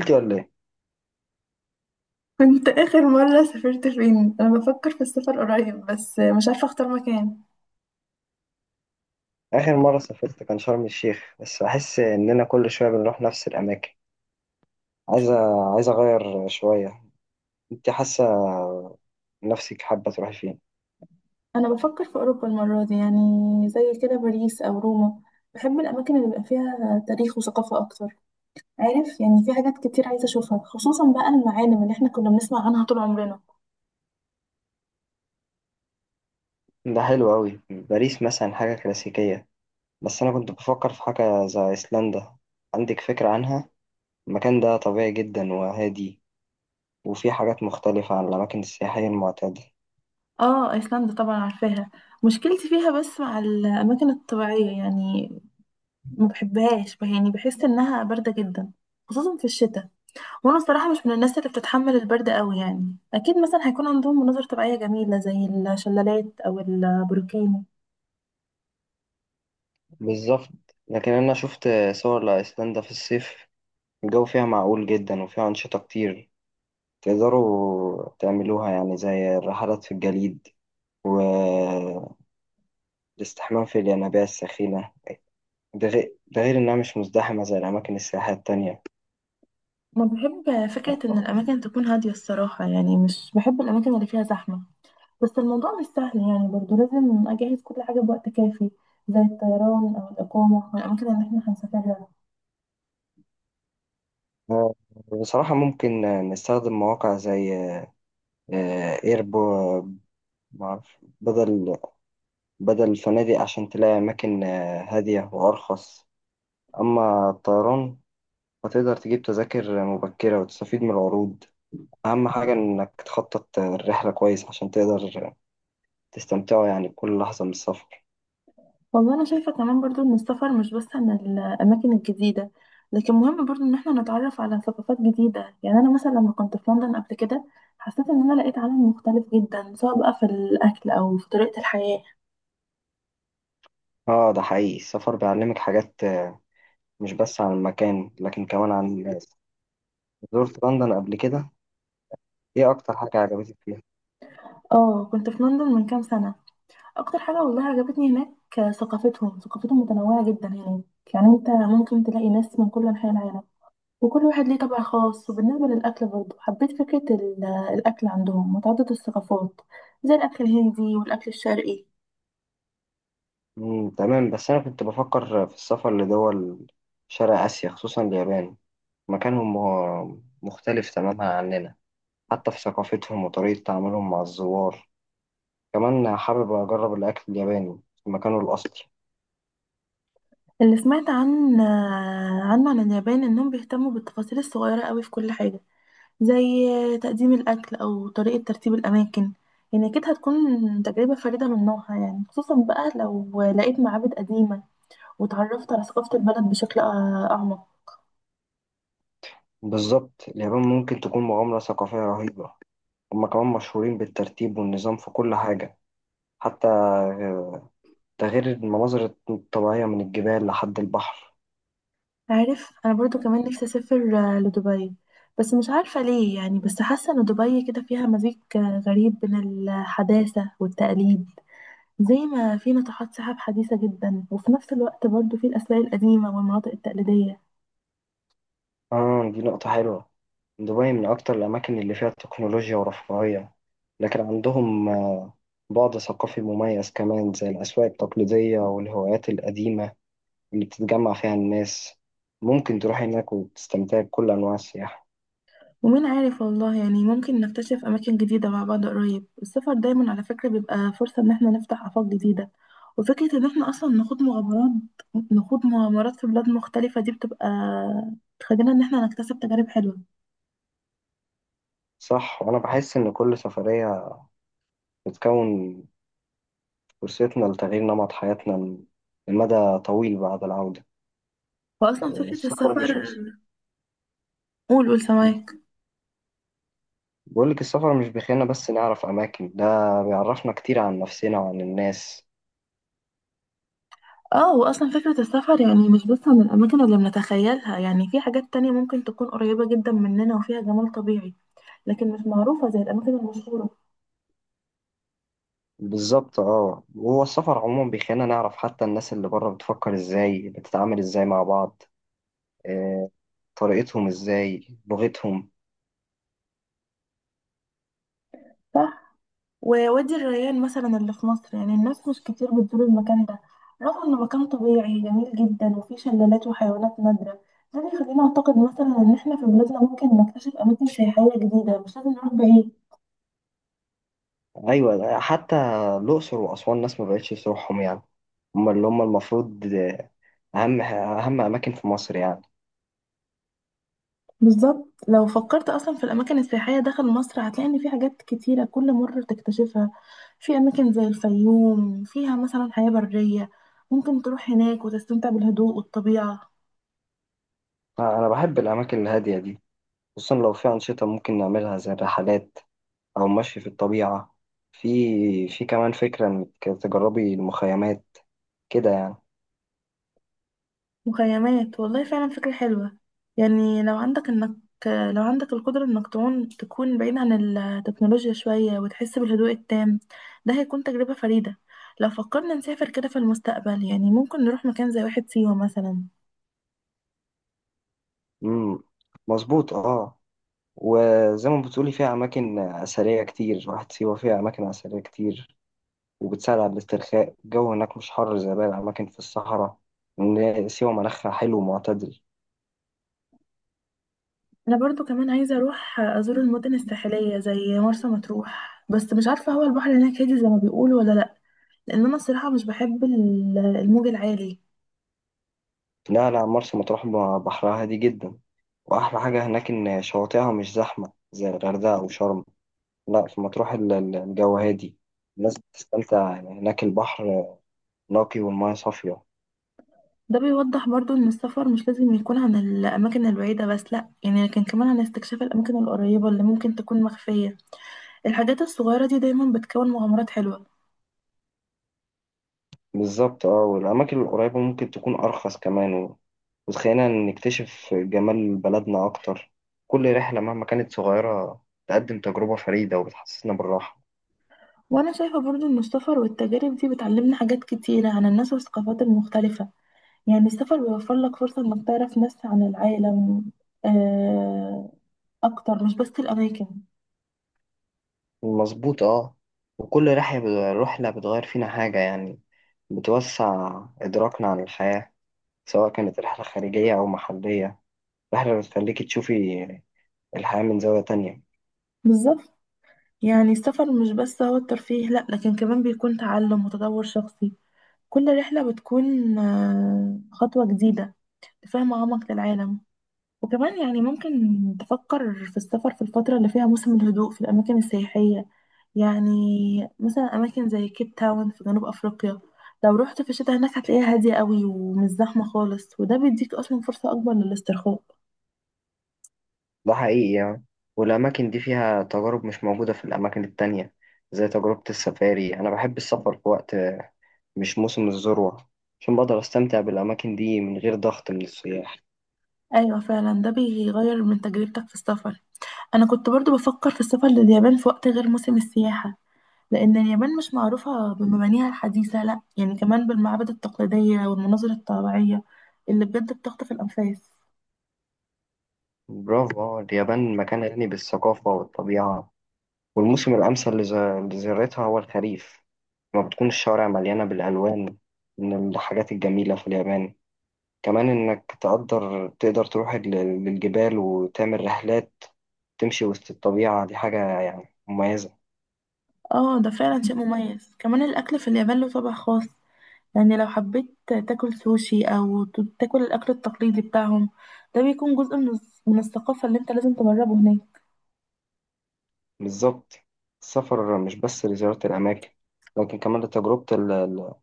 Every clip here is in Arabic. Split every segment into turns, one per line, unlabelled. سافرت ولا ايه؟
كنت آخر مرة سافرت فين؟ أنا بفكر في السفر قريب بس مش عارفة أختار مكان.
آخر مرة سافرت كان شرم الشيخ، بس بحس إننا كل شوية بنروح نفس الأماكن. عايزة عايزة أغير شوية. أنت حاسة نفسك حابة تروحي فين؟
أنا بفكر في أوروبا المرة دي زي كده باريس أو روما. بحب الأماكن اللي بيبقى فيها تاريخ وثقافة أكتر. عارف يعني في حاجات كتير عايزة أشوفها، خصوصا بقى المعالم اللي إحنا كنا بنسمع عنها طول عمرنا.
ده حلو أوي، باريس مثلا حاجة كلاسيكية، بس أنا كنت بفكر في حاجة زي أيسلندا. عندك فكرة عنها؟ المكان ده طبيعي جدا وهادي، وفيه حاجات مختلفة عن الأماكن السياحية المعتادة.
آه أيسلندا طبعا عارفاها. مشكلتي فيها بس مع الأماكن الطبيعية، يعني ما بحبهاش، يعني بحس إنها باردة جدا خصوصا في الشتاء. وانا الصراحه مش من الناس اللي بتتحمل البرد قوي، يعني اكيد مثلا هيكون عندهم مناظر طبيعيه جميله زي الشلالات او البروكين.
بالظبط، لكن أنا شفت صور لأيسلندا في الصيف، الجو فيها معقول جدا وفيها أنشطة كتير تقدروا تعملوها، يعني زي الرحلات في الجليد والاستحمام في الينابيع السخينة. ده غير إنها مش مزدحمة زي الأماكن السياحية التانية.
ما بحب فكره ان الاماكن تكون هاديه الصراحه، يعني مش بحب الاماكن اللي فيها زحمه. بس الموضوع مش سهل يعني، برضو لازم اجهز كل حاجه بوقت كافي زي الطيران او الاقامه والاماكن اللي احنا هنسافرها.
آه، بصراحة ممكن نستخدم مواقع زي ايربو معرف بدل الفنادق عشان تلاقي أماكن هادية وأرخص. أما الطيران فتقدر تجيب تذاكر مبكرة وتستفيد من العروض. أهم حاجة إنك تخطط الرحلة كويس عشان تقدر تستمتعوا يعني بكل لحظة من السفر.
والله انا شايفه كمان برضو ان السفر مش بس عن الاماكن الجديده، لكن مهم برضو ان احنا نتعرف على ثقافات جديده. يعني انا مثلا لما كنت في لندن قبل كده حسيت ان انا لقيت عالم مختلف جدا، سواء بقى في الاكل او في طريقه الحياه.
اه، ده حقيقي، السفر بيعلمك حاجات، مش بس عن المكان لكن كمان عن الناس. زرت لندن قبل كده؟ ايه اكتر حاجة عجبتك فيها؟
اه كنت في لندن من كام سنه. اكتر حاجه والله عجبتني هناك ثقافتهم متنوعه جدا هناك، يعني انت ممكن تلاقي ناس من كل انحاء العالم وكل واحد ليه طبع خاص. وبالنسبه للاكل برضو حبيت فكره الاكل عندهم متعدد الثقافات زي الاكل الهندي والاكل الشرقي.
مم، تمام. بس انا كنت بفكر في السفر لدول شرق اسيا، خصوصا اليابان. مكانهم مختلف تماما عننا، حتى في ثقافتهم وطريقة تعاملهم مع الزوار. كمان حابب اجرب الاكل الياباني في مكانه الاصلي.
اللي سمعت عنه عن اليابان انهم بيهتموا بالتفاصيل الصغيره قوي في كل حاجه، زي تقديم الاكل او طريقه ترتيب الاماكن. يعني اكيد هتكون تجربه فريده من نوعها، يعني خصوصا بقى لو لقيت معابد قديمه وتعرفت على ثقافه البلد بشكل اعمق.
بالظبط، اليابان ممكن تكون مغامرة ثقافية رهيبة. هما كمان مشهورين بالترتيب والنظام في كل حاجة، حتى، ده غير المناظر الطبيعية من الجبال لحد البحر.
عارف انا برضو كمان نفسي اسافر لدبي. بس مش عارفه ليه، يعني بس حاسه ان دبي كده فيها مزيج غريب بين الحداثه والتقليد، زي ما في ناطحات سحاب حديثة جدا وفي نفس الوقت برضو في الأسلاك القديمة والمناطق التقليدية.
آه، دي نقطة حلوة. دبي من أكتر الأماكن اللي فيها تكنولوجيا ورفاهية، لكن عندهم بعد ثقافي مميز كمان، زي الأسواق التقليدية والهوايات القديمة اللي بتتجمع فيها الناس. ممكن تروح هناك وتستمتع بكل أنواع السياحة.
ومين عارف والله، يعني ممكن نكتشف أماكن جديدة مع بعض قريب. السفر دايما على فكرة بيبقى فرصة إن احنا نفتح آفاق جديدة، وفكرة إن احنا أصلا نخوض مغامرات في بلاد مختلفة دي بتبقى تخلينا إن احنا نكتسب تجارب حلوة.
صح، وأنا بحس إن كل سفرية بتكون فرصتنا لتغيير نمط حياتنا لمدى طويل بعد العودة.
وأصلا فكرة
السفر
السفر،
مش بس،
قول سماك.
بقول لك السفر مش بيخلينا بس نعرف أماكن، ده بيعرفنا كتير عن نفسنا وعن الناس.
اه واصلا فكرة السفر يعني مش بس عن الاماكن اللي بنتخيلها، يعني في حاجات تانية ممكن تكون قريبة جدا مننا وفيها جمال طبيعي لكن مش معروفة زي الأماكن المشهورة.
بالظبط، اه، وهو السفر عموما بيخلينا نعرف حتى الناس اللي بره بتفكر ازاي، بتتعامل ازاي مع بعض، آه، طريقتهم ازاي، لغتهم.
صح. ووادي الريان مثلا اللي في مصر، يعني الناس مش كتير بتزور المكان ده رغم إنه مكان طبيعي جميل جدا وفيه شلالات وحيوانات نادرة. ده بيخلينا أعتقد مثلا إن إحنا في بلادنا ممكن نكتشف أماكن سياحية جديدة، مش لازم نروح بعيد.
ايوه، حتى الأقصر وأسوان ناس ما بقتش تروحهم يعني، هم اللي هم المفروض أهم أماكن في مصر يعني.
بالظبط، لو فكرت أصلا في الأماكن السياحية داخل مصر هتلاقي إن في حاجات كتيرة كل مرة تكتشفها. في أماكن زي الفيوم فيها مثلا حياة برية، ممكن تروح هناك وتستمتع بالهدوء والطبيعة.
أنا بحب الأماكن الهادية دي، خصوصا لو في أنشطة ممكن نعملها زي الرحلات أو مشي في الطبيعة. في كمان فكرة إنك تجربي المخيمات كده يعني.
مخيمات والله فعلا فكرة حلوة. يعني لو عندك القدرة انك تعون تكون بعيد عن التكنولوجيا شوية وتحس بالهدوء التام، ده هيكون تجربة فريدة. لو فكرنا نسافر كده في المستقبل يعني ممكن نروح مكان زي واحة سيوة مثلا.
مم. مظبوط، اه. وزي ما بتقولي فيها أماكن أثرية كتير، واحد سيوة فيها أماكن أثرية كتير وبتساعد على الاسترخاء. الجو هناك مش حر زي باقي الأماكن في الصحراء، إن سيوة مناخها حلو ومعتدل.
انا برضو كمان عايزة اروح ازور المدن الساحلية زي مرسى مطروح، بس مش عارفة هو البحر هناك هادي زي ما بيقولوا ولا لا، لان انا الصراحة مش بحب الموج العالي.
لا، مرسى مطروح بحرها هادي جدا، وأحلى حاجة هناك إن شواطئها مش زحمة زي الغردقة وشرم. لا، في مطروح الجو هادي، الناس بتستمتع يعني هناك. البحر نقي والمياه صافية.
ده بيوضح برضو ان السفر مش لازم يكون عن الاماكن البعيده بس، لا يعني، لكن كمان عن استكشاف الاماكن القريبه اللي ممكن تكون مخفيه. الحاجات الصغيره دي دايما بتكون مغامرات حلوه.
بالظبط، اه، والأماكن القريبة ممكن تكون أرخص كمان، وتخلينا نكتشف جمال بلدنا أكتر. كل رحلة مهما كانت صغيرة تقدم تجربة فريدة وبتحسسنا بالراحة.
وانا شايفه برضو ان السفر والتجارب دي بتعلمنا حاجات كتيره عن الناس والثقافات المختلفه، يعني السفر بيوفر لك فرصه انك تعرف ناس عن العالم آه، اكتر، مش بس الاماكن.
مظبوط، اه. وكل رحلة بتغير فينا حاجة يعني، بتوسع إدراكنا عن الحياة، سواء كانت رحلة خارجية أو محلية. رحلة بتخليكي تشوفي الحياة من زاوية تانية.
بالظبط، يعني السفر مش بس هو الترفيه، لا، لكن كمان بيكون تعلم وتطور شخصي. كل رحله بتكون خطوه جديده، فاهمة أعمق للعالم. وكمان يعني ممكن تفكر في السفر في الفترة اللي فيها موسم الهدوء في الأماكن السياحية، يعني مثلا أماكن زي كيب تاون في جنوب أفريقيا. لو رحت في الشتاء هناك هتلاقيها هادية قوي ومش زحمة خالص، وده بيديك أصلا فرصة أكبر للاسترخاء.
ده حقيقي يعني، والأماكن دي فيها تجارب مش موجودة في الأماكن التانية، زي تجربة السفاري. أنا بحب السفر في وقت مش موسم الذروة، عشان بقدر أستمتع بالأماكن دي من غير ضغط من السياح.
أيوة فعلا، ده بيغير من تجربتك في السفر. أنا كنت برضو بفكر في السفر لليابان في وقت غير موسم السياحة، لأن اليابان مش معروفة بمبانيها الحديثة لأ، يعني كمان بالمعابد التقليدية والمناظر الطبيعية اللي بجد بتخطف الأنفاس.
برافو، آه، اليابان مكان غني بالثقافة والطبيعة، والموسم الأمثل لزيارتها هو الخريف، لما بتكون الشوارع مليانة بالألوان. من الحاجات الجميلة في اليابان كمان إنك تقدر تروح للجبال وتعمل رحلات تمشي وسط الطبيعة، دي حاجة يعني مميزة.
اه ده فعلا شيء مميز. كمان الأكل في اليابان له طابع خاص، يعني لو حبيت تاكل سوشي أو تاكل الأكل التقليدي بتاعهم، ده بيكون جزء من من الثقافة اللي انت لازم تجربه هناك.
بالظبط، السفر مش بس لزيارة الأماكن، لكن كمان لتجربة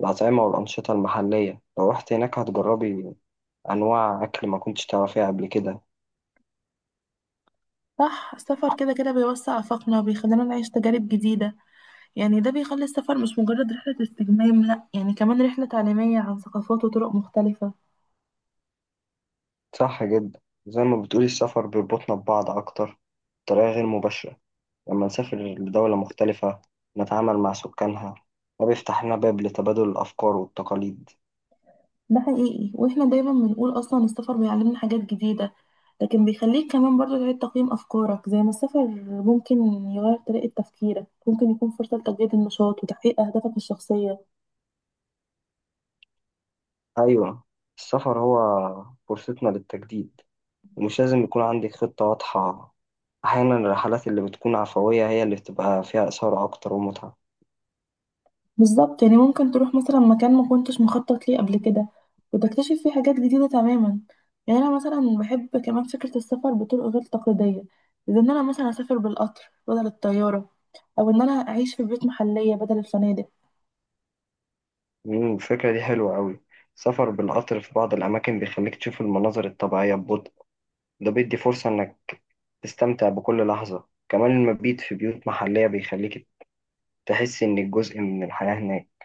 الأطعمة والأنشطة المحلية. لو رحت هناك هتجربي أنواع أكل ما كنتش تعرفيها قبل كده.
صح، السفر كده كده بيوسع آفاقنا وبيخلينا نعيش تجارب جديدة، يعني ده بيخلي السفر مش مجرد رحلة استجمام، لأ، يعني كمان رحلة تعليمية عن ثقافات وطرق مختلفة.
صح جدا، زي ما بتقولي السفر بيربطنا ببعض أكتر بطريقة غير مباشرة. لما نسافر لدولة مختلفة، نتعامل مع سكانها، ده بيفتح لنا باب لتبادل الأفكار والتقاليد.
ده حقيقي، واحنا دايما بنقول اصلا السفر بيعلمنا حاجات جديدة، لكن بيخليك كمان برضه تعيد تقييم افكارك. زي ما السفر ممكن يغير طريقة تفكيرك، ممكن يكون فرصة لتجديد النشاط وتحقيق اهدافك الشخصية.
أيوة، السفر هو فرصتنا للتجديد، ومش لازم يكون عندك خطة واضحة. أحيانا الرحلات اللي بتكون عفوية هي اللي بتبقى فيها إثارة أكتر ومتعة.
بالظبط، يعني ممكن تروح مثلا مكان ما كنتش مخطط ليه قبل كده وتكتشف فيه حاجات جديدة تماما. يعني انا مثلا بحب كمان فكرة السفر بطرق غير تقليدية، زي ان انا مثلا اسافر بالقطر بدل الطيارة، او ان انا اعيش في بيوت محلية بدل الفنادق.
مم، الفكرة دي حلوة أوي. السفر بالقطر في بعض الأماكن بيخليك تشوف المناظر الطبيعية ببطء، ده بيدي فرصة إنك تستمتع بكل لحظة. كمان المبيت في بيوت محلية بيخليك تحس إنك جزء من الحياة هناك.